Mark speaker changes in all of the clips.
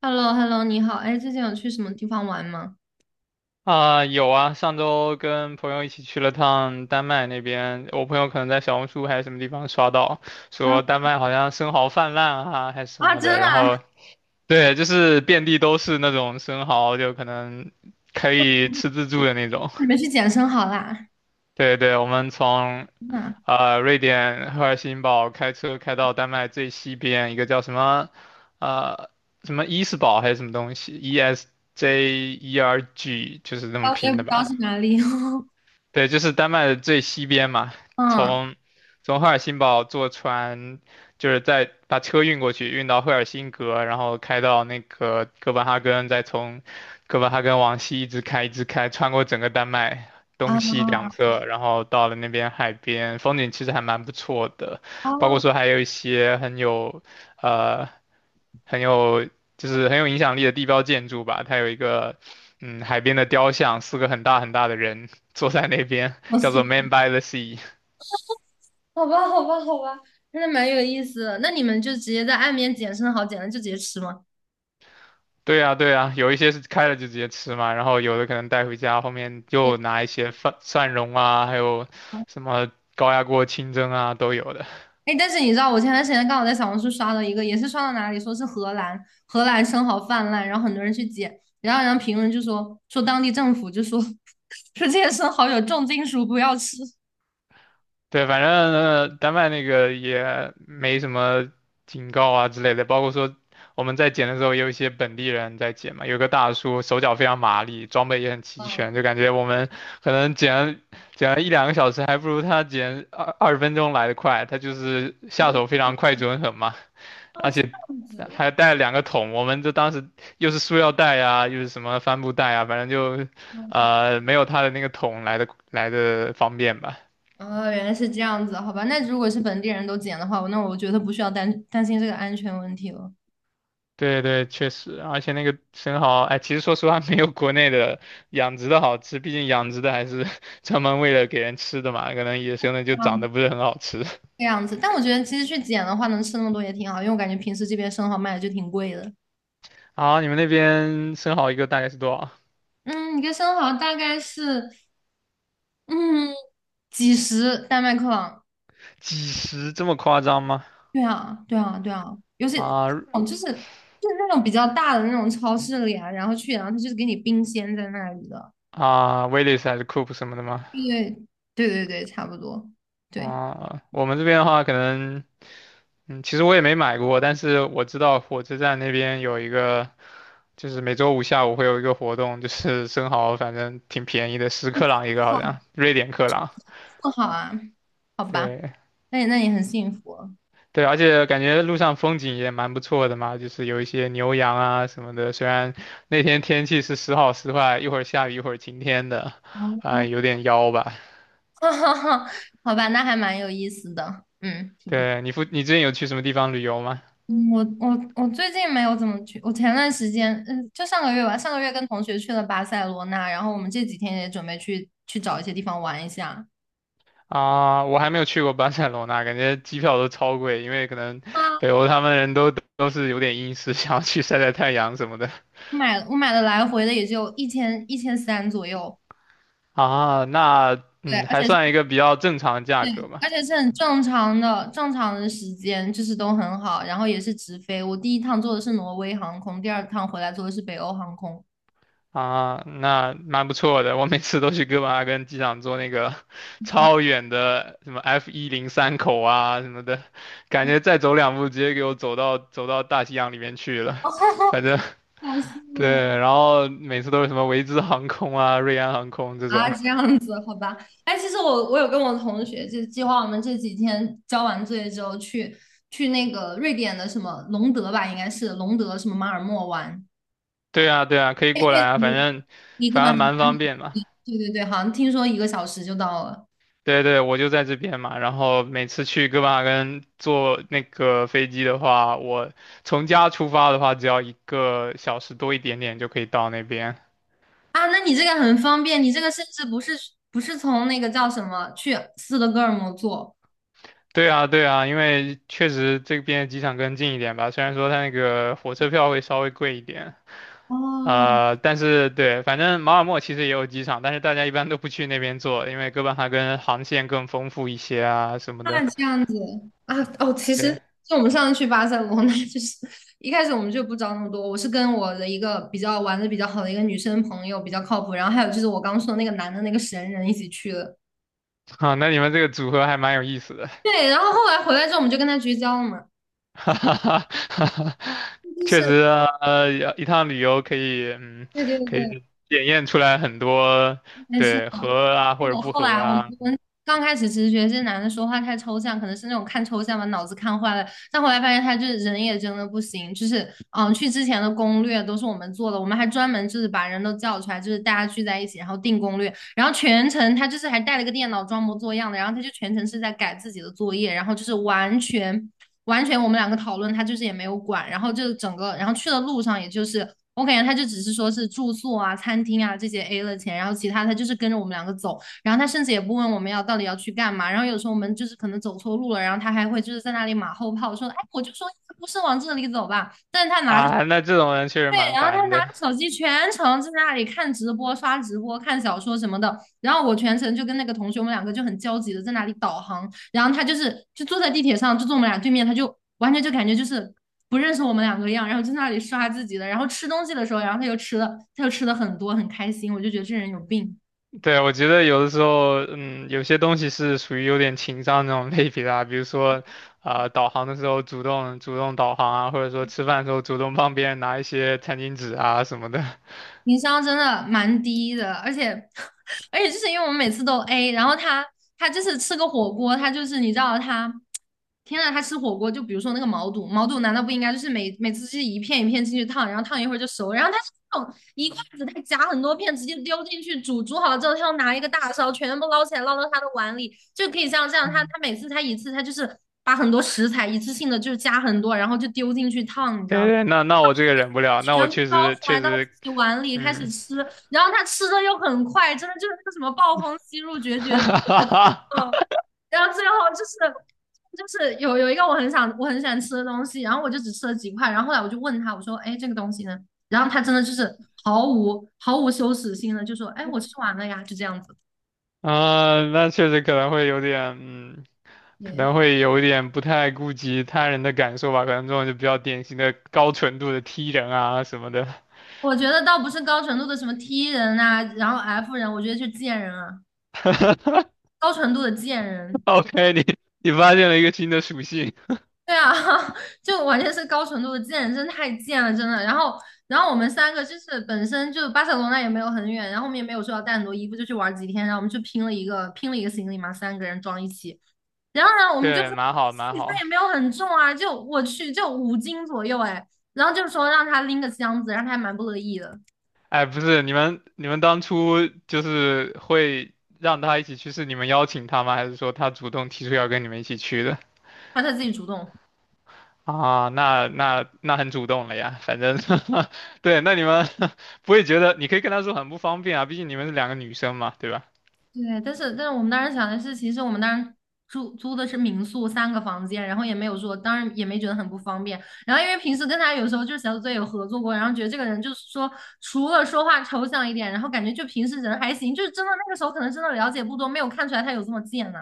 Speaker 1: h e l l o h e l l o 你好，哎，最近有去什么地方玩吗？
Speaker 2: 啊，有啊，上周跟朋友一起去了趟丹麦那边，我朋友可能在小红书还是什么地方刷到，
Speaker 1: 嗯。
Speaker 2: 说丹麦好像生蚝泛滥啊，还是什
Speaker 1: 啊，
Speaker 2: 么
Speaker 1: 真
Speaker 2: 的，
Speaker 1: 的
Speaker 2: 然
Speaker 1: 啊？
Speaker 2: 后对，就是遍地都是那种生蚝，就可能可以吃自助的那种。
Speaker 1: 你们去捡生蚝啦？
Speaker 2: 对对，我们从
Speaker 1: 真的啊，
Speaker 2: 瑞典赫尔辛堡开车开到丹麦最西边一个叫呃什么伊斯堡还是什么东西，ESJERG 就是这么
Speaker 1: 啊我也
Speaker 2: 拼
Speaker 1: 不
Speaker 2: 的
Speaker 1: 知道
Speaker 2: 吧。
Speaker 1: 是哪里。
Speaker 2: 对，就是丹麦的最西边嘛，
Speaker 1: 嗯。
Speaker 2: 从从赫尔辛堡坐船，就是再把车运过去，运到赫尔辛格，然后开到那个哥本哈根，再从哥本哈根往西一直开，一直开，穿过整个丹麦东
Speaker 1: 啊。
Speaker 2: 西两侧，然后到了那边海边，风景其实还蛮不错的，
Speaker 1: 啊，
Speaker 2: 包括说还有一些呃很有很有影响力的地标建筑吧。它有一个海边的雕像，四个很大很大的人 坐在那边，
Speaker 1: 我
Speaker 2: 叫
Speaker 1: 是
Speaker 2: 做 Man by the Sea。
Speaker 1: 好吧，好吧，好吧，真的蛮有意思的。那你们就直接在岸边捡生蚝，捡了就直接吃吗？
Speaker 2: 对啊，对啊，有一些是开了就直接吃嘛，然后有的可能带回家，后面
Speaker 1: 对
Speaker 2: 又拿一些蒜蓉啊，还有
Speaker 1: 啊。
Speaker 2: 什么高压锅清蒸啊，都有的。
Speaker 1: 哎，但是你知道，我前段时间刚好在小红书刷到一个，也是刷到哪里说是荷兰，荷兰生蚝泛滥，然后很多人去捡，然后评论就说当地政府就说 说这些生蚝有重金属，不要吃。
Speaker 2: 对，反正丹麦那个也没什么警告啊之类的，包括说我们在捡的时候，也有一些本地人在捡嘛，有个大叔手脚非常麻利，装备也很齐全，
Speaker 1: 嗯。
Speaker 2: 就感觉我们可能捡了一两个小时，还不如他捡二十分钟来的快，他就是下
Speaker 1: 嗯。
Speaker 2: 手非
Speaker 1: 哦，
Speaker 2: 常快准狠嘛，
Speaker 1: 哦
Speaker 2: 而
Speaker 1: 这
Speaker 2: 且
Speaker 1: 样子。
Speaker 2: 还带了两个桶，我们这当时又是塑料袋啊，又是什么帆布袋啊，反正就
Speaker 1: 嗯。
Speaker 2: 呃没有他的那个桶来的方便吧。
Speaker 1: 哦，原来是这样子，好吧。那如果是本地人都捡的话，那我觉得不需要担心这个安全问题了。
Speaker 2: 对对，确实，而且那个生蚝，哎，其实说实话，没有国内的养殖的好吃，毕竟养殖的还是 专门为了给人吃的嘛，可能野生的就长
Speaker 1: 啊，
Speaker 2: 得不是很好吃。
Speaker 1: 这样子，但我觉得其实去捡的话，能吃那么多也挺好，因为我感觉平时这边生蚝卖的就挺贵的。
Speaker 2: 啊，你们那边生蚝一个大概是多少？
Speaker 1: 嗯，一个生蚝大概是嗯几十丹麦克朗。
Speaker 2: 几十这么夸张吗？
Speaker 1: 对啊，对啊，对啊，尤其。
Speaker 2: 啊
Speaker 1: 哦，就是那种比较大的那种超市里啊，然后去，然后他就是给你冰鲜在那里的。
Speaker 2: 啊，Willis 还是 Coop 什么的吗？
Speaker 1: 对。对对对，差不多。对。
Speaker 2: 啊，我们这边的话，可能，其实我也没买过，但是我知道火车站那边有一个。就是每周五下午会有一个活动，就是 生蚝，反正挺便宜的，10克朗一个，好像瑞典克朗。
Speaker 1: 不好啊，好吧，
Speaker 2: 对
Speaker 1: 那你那你很幸福哦。
Speaker 2: 对，而且感觉路上风景也蛮不错的嘛，就是有一些牛羊啊什么的。虽然那天天气是时好时坏，一会儿下雨一会儿晴天的，啊、有 点妖吧。
Speaker 1: 哈哈哈，好吧，那还蛮有意思的，嗯，挺不错。
Speaker 2: 对，你之前有去什么地方旅游吗？
Speaker 1: 我最近没有怎么去，我前段时间，嗯，就上个月吧，上个月跟同学去了巴塞罗那，然后我们这几天也准备去找一些地方玩一下。
Speaker 2: 啊，我还没有去过巴塞罗那，感觉机票都超贵，因为可能
Speaker 1: 啊，
Speaker 2: 北欧他们人都是有点阴湿，想要去晒晒太阳什么的。
Speaker 1: 我买了来回的也就一千一千三左右。
Speaker 2: 啊，那
Speaker 1: 对，而
Speaker 2: 还
Speaker 1: 且
Speaker 2: 算一个比较正常的价格吧。
Speaker 1: 而且是很正常的，正常的时间就是都很好，然后也是直飞。我第一趟坐的是挪威航空，第二趟回来坐的是北欧航空。
Speaker 2: 啊，那蛮不错的。我每次都去哥本哈根机场坐那个 超远的什么 F103口啊什么的，感觉 再走两步直接给我走到大西洋里面去了。
Speaker 1: 哦，
Speaker 2: 反正
Speaker 1: 好羡慕。
Speaker 2: 对，然后每次都是什么维兹航空啊、瑞安航空这
Speaker 1: 啊，
Speaker 2: 种。
Speaker 1: 这样子，好吧。哎，其实我有跟我同学就计划，我们这几天交完作业之后去去那个瑞典的什么隆德吧，应该是隆德什么马尔默玩。
Speaker 2: 对啊，对啊，可以过来
Speaker 1: 对
Speaker 2: 啊，反
Speaker 1: 你
Speaker 2: 正
Speaker 1: 你根
Speaker 2: 反
Speaker 1: 本。
Speaker 2: 正蛮方便嘛。
Speaker 1: 对对对，好像听说一个小时就到了。
Speaker 2: 对对，我就在这边嘛。然后每次去哥本哈根坐那个飞机的话，我从家出发的话，只要一个小时多一点点就可以到那边。
Speaker 1: 啊，那你这个很方便，你这个甚至不是不是从那个叫什么去斯德哥尔摩做。
Speaker 2: 对啊，对啊，因为确实这边机场更近一点吧，虽然说它那个火车票会稍微贵一点，
Speaker 1: 哦，
Speaker 2: 但是对，反正马尔默其实也有机场，但是大家一般都不去那边坐，因为哥本哈根航线更丰富一些啊什么的。
Speaker 1: 那这样子。啊哦，其实
Speaker 2: 对，
Speaker 1: 就我们上次去巴塞罗那，就是 一开始我们就不找那么多，我是跟我的一个比较玩的比较好的一个女生朋友比较靠谱，然后还有就是我刚说的那个男的那个神人一起去了。
Speaker 2: 好，那你们这个组合还蛮有意思的。
Speaker 1: 对，然后后来回来之后我们就跟他绝交了嘛，
Speaker 2: 哈哈哈哈哈
Speaker 1: 就
Speaker 2: 确
Speaker 1: 是。
Speaker 2: 实啊，一趟旅游可以，嗯，
Speaker 1: 对对
Speaker 2: 可
Speaker 1: 对，
Speaker 2: 以检验出来很多，
Speaker 1: 但是。
Speaker 2: 对，合啊
Speaker 1: 哎
Speaker 2: 或者
Speaker 1: 我
Speaker 2: 不
Speaker 1: 后
Speaker 2: 合
Speaker 1: 来我们
Speaker 2: 啊，
Speaker 1: 我们刚开始其实觉得这男的说话太抽象，可能是那种看抽象把脑子看坏了。但后来发现他就是人也真的不行，就是嗯，去之前的攻略都是我们做的，我们还专门就是把人都叫出来，就是大家聚在一起，然后定攻略，然后全程他就是还带了个电脑装模作样的，然后他就全程是在改自己的作业，然后就是完全我们两个讨论，他就是也没有管，然后就整个然后去的路上也就是。我感觉他就只是说是住宿啊、餐厅啊这些 A 了钱，然后其他他就是跟着我们两个走，然后他甚至也不问我们要到底要去干嘛。然后有时候我们就是可能走错路了，然后他还会就是在那里马后炮说："哎，我就说不是往这里走吧。"但是他拿着。
Speaker 2: 啊，那这种人确实
Speaker 1: 对，
Speaker 2: 蛮
Speaker 1: 然后他
Speaker 2: 烦
Speaker 1: 拿着
Speaker 2: 的。
Speaker 1: 手机全程在那里看直播、刷直播、看小说什么的。然后我全程就跟那个同学，我们两个就很焦急的在那里导航。然后他就是就坐在地铁上，就坐我们俩对面，他就完全就感觉就是。不认识我们两个一样，然后在那里刷自己的，然后吃东西的时候，然后他又吃了，他又吃了很多，很开心，我就觉得这人有病。
Speaker 2: 对，我觉得有的时候，嗯，有些东西是属于有点情商那种类别的啊，比如说，啊、导航的时候主动导航啊，或者说吃饭的时候主动帮别人拿一些餐巾纸啊什么的。
Speaker 1: 情商真的蛮低的，而且 而且就是因为我们每次都 A,然后他他就是吃个火锅，他就是你知道他，天呐，他吃火锅就比如说那个毛肚，毛肚难道不应该就是每每次就是一片一片进去烫，然后烫一会儿就熟，然后他是那种一筷子他夹很多片直接丢进去煮，煮好了之后他要拿一个大勺全部捞起来捞到他的碗里，就可以像这样，他
Speaker 2: 嗯，
Speaker 1: 他每次他一次他就是把很多食材一次性的就是加很多，然后就丢进去烫，你知
Speaker 2: 对
Speaker 1: 道
Speaker 2: 对，那那我这个忍不了，那
Speaker 1: 全
Speaker 2: 我
Speaker 1: 部
Speaker 2: 确
Speaker 1: 捞
Speaker 2: 实
Speaker 1: 出来
Speaker 2: 确
Speaker 1: 到
Speaker 2: 实。
Speaker 1: 自己碗里开始
Speaker 2: 嗯，
Speaker 1: 吃，然后他吃的又很快，真的就是那个什么暴风吸入 绝
Speaker 2: 哈
Speaker 1: 绝子。
Speaker 2: 哈哈，
Speaker 1: 嗯，然后最后就是就是有一个我很想我很喜欢吃的东西，然后我就只吃了几块，然后后来我就问他，我说，哎，这个东西呢？然后他真的就是毫无羞耻心的就说，哎，我吃完了呀，就这样子。
Speaker 2: 啊，那确实可能会有点，嗯，可
Speaker 1: 对，
Speaker 2: 能会有点不太顾及他人的感受吧，可能这种就比较典型的高纯度的 T人啊什么的。
Speaker 1: 我觉得倒不是高纯度的什么 T 人啊，然后 F 人，我觉得是贱人啊，高纯度的贱人。
Speaker 2: OK，你发现了一个新的属性，
Speaker 1: 对啊。就完全是高纯度的贱，真太贱了，真的。然后，然后我们三个就是本身就巴塞罗那也没有很远，然后我们也没有说要带很多衣服，就去玩几天，然后我们就拼了一个行李嘛，三个人装一起。然后呢，我们就说
Speaker 2: 对，蛮好
Speaker 1: 行
Speaker 2: 蛮
Speaker 1: 李
Speaker 2: 好。
Speaker 1: 也没有很重啊，就我去就五斤左右哎，然后就说让他拎个箱子，然后他还蛮不乐意的，
Speaker 2: 哎，不是，你们当初就是会让他一起去，是你们邀请他吗？还是说他主动提出要跟你们一起去的？
Speaker 1: 让他自己主动。
Speaker 2: 啊，那很主动了呀，反正 对，那你们 不会觉得，你可以跟他说很不方便啊，毕竟你们是两个女生嘛，对吧？
Speaker 1: 对，但是我们当时想的是，其实我们当时住租的是民宿三个房间，然后也没有说，当然也没觉得很不方便。然后因为平时跟他有时候就是小组作业有合作过，然后觉得这个人就是说，除了说话抽象一点，然后感觉就平时人还行，就是真的那个时候可能真的了解不多，没有看出来他有这么贱呢、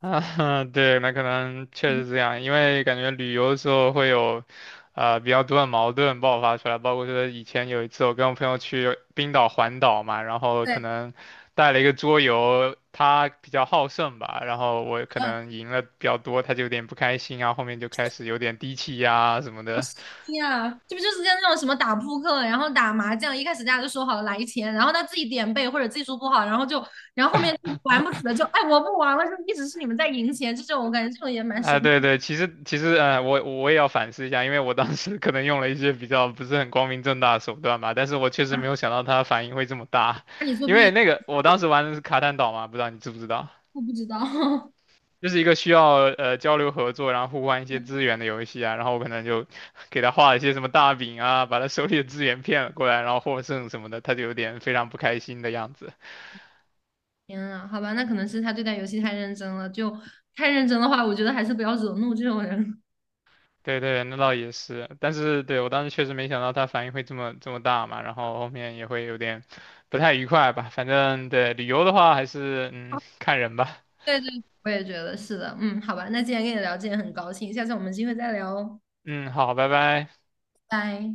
Speaker 2: 啊，对，那可能确实这样，因为感觉旅游的时候会有，比较多的矛盾爆发出来，包括说以前有一次我跟我朋友去冰岛环岛嘛，然后
Speaker 1: 对。
Speaker 2: 可能带了一个桌游，他比较好胜吧，然后我可
Speaker 1: 嗯，
Speaker 2: 能赢了比较多，他就有点不开心啊，后面就开始有点低气压啊什么的。
Speaker 1: 呀，这不就是像那种什么打扑克，然后打麻将，一开始大家就说好了来钱，然后他自己点背或者技术不好，然后就，然后后面玩不起了就，哎，我不玩了，就一直是你们在赢钱，这种我感觉这种也蛮神。
Speaker 2: 啊，对
Speaker 1: 奇。
Speaker 2: 对，其实，我也要反思一下，因为我当时 可能用了一些比较不是很光明正大的手段吧，但是我确实
Speaker 1: 啊，
Speaker 2: 没有想到它反应会这么大，
Speaker 1: 那你作
Speaker 2: 因为
Speaker 1: 弊，
Speaker 2: 那个我当时玩的是卡坦岛嘛，不知道你知不知道，
Speaker 1: 我不知道。
Speaker 2: 就是一个需要交流合作，然后互换一些资 源的游戏啊，然后我可能就 给他画了一些什么大饼啊，把他手里的资源骗了过来，然后获胜什么的，他就有点非常不开心的样子。
Speaker 1: 天啊，好吧，那可能是他对待游戏太认真了，就太认真的话，我觉得还是不要惹怒这种人。
Speaker 2: 对对，那倒也是，但是对我当时确实没想到他反应会这么大嘛，然后后面也会有点不太愉快吧。反正对旅游的话，还是看人吧。
Speaker 1: 对对，我也觉得是的。嗯，好吧，那既然跟你聊这也很高兴，下次我们有机会再聊哦，
Speaker 2: 嗯，好，拜拜。
Speaker 1: 拜。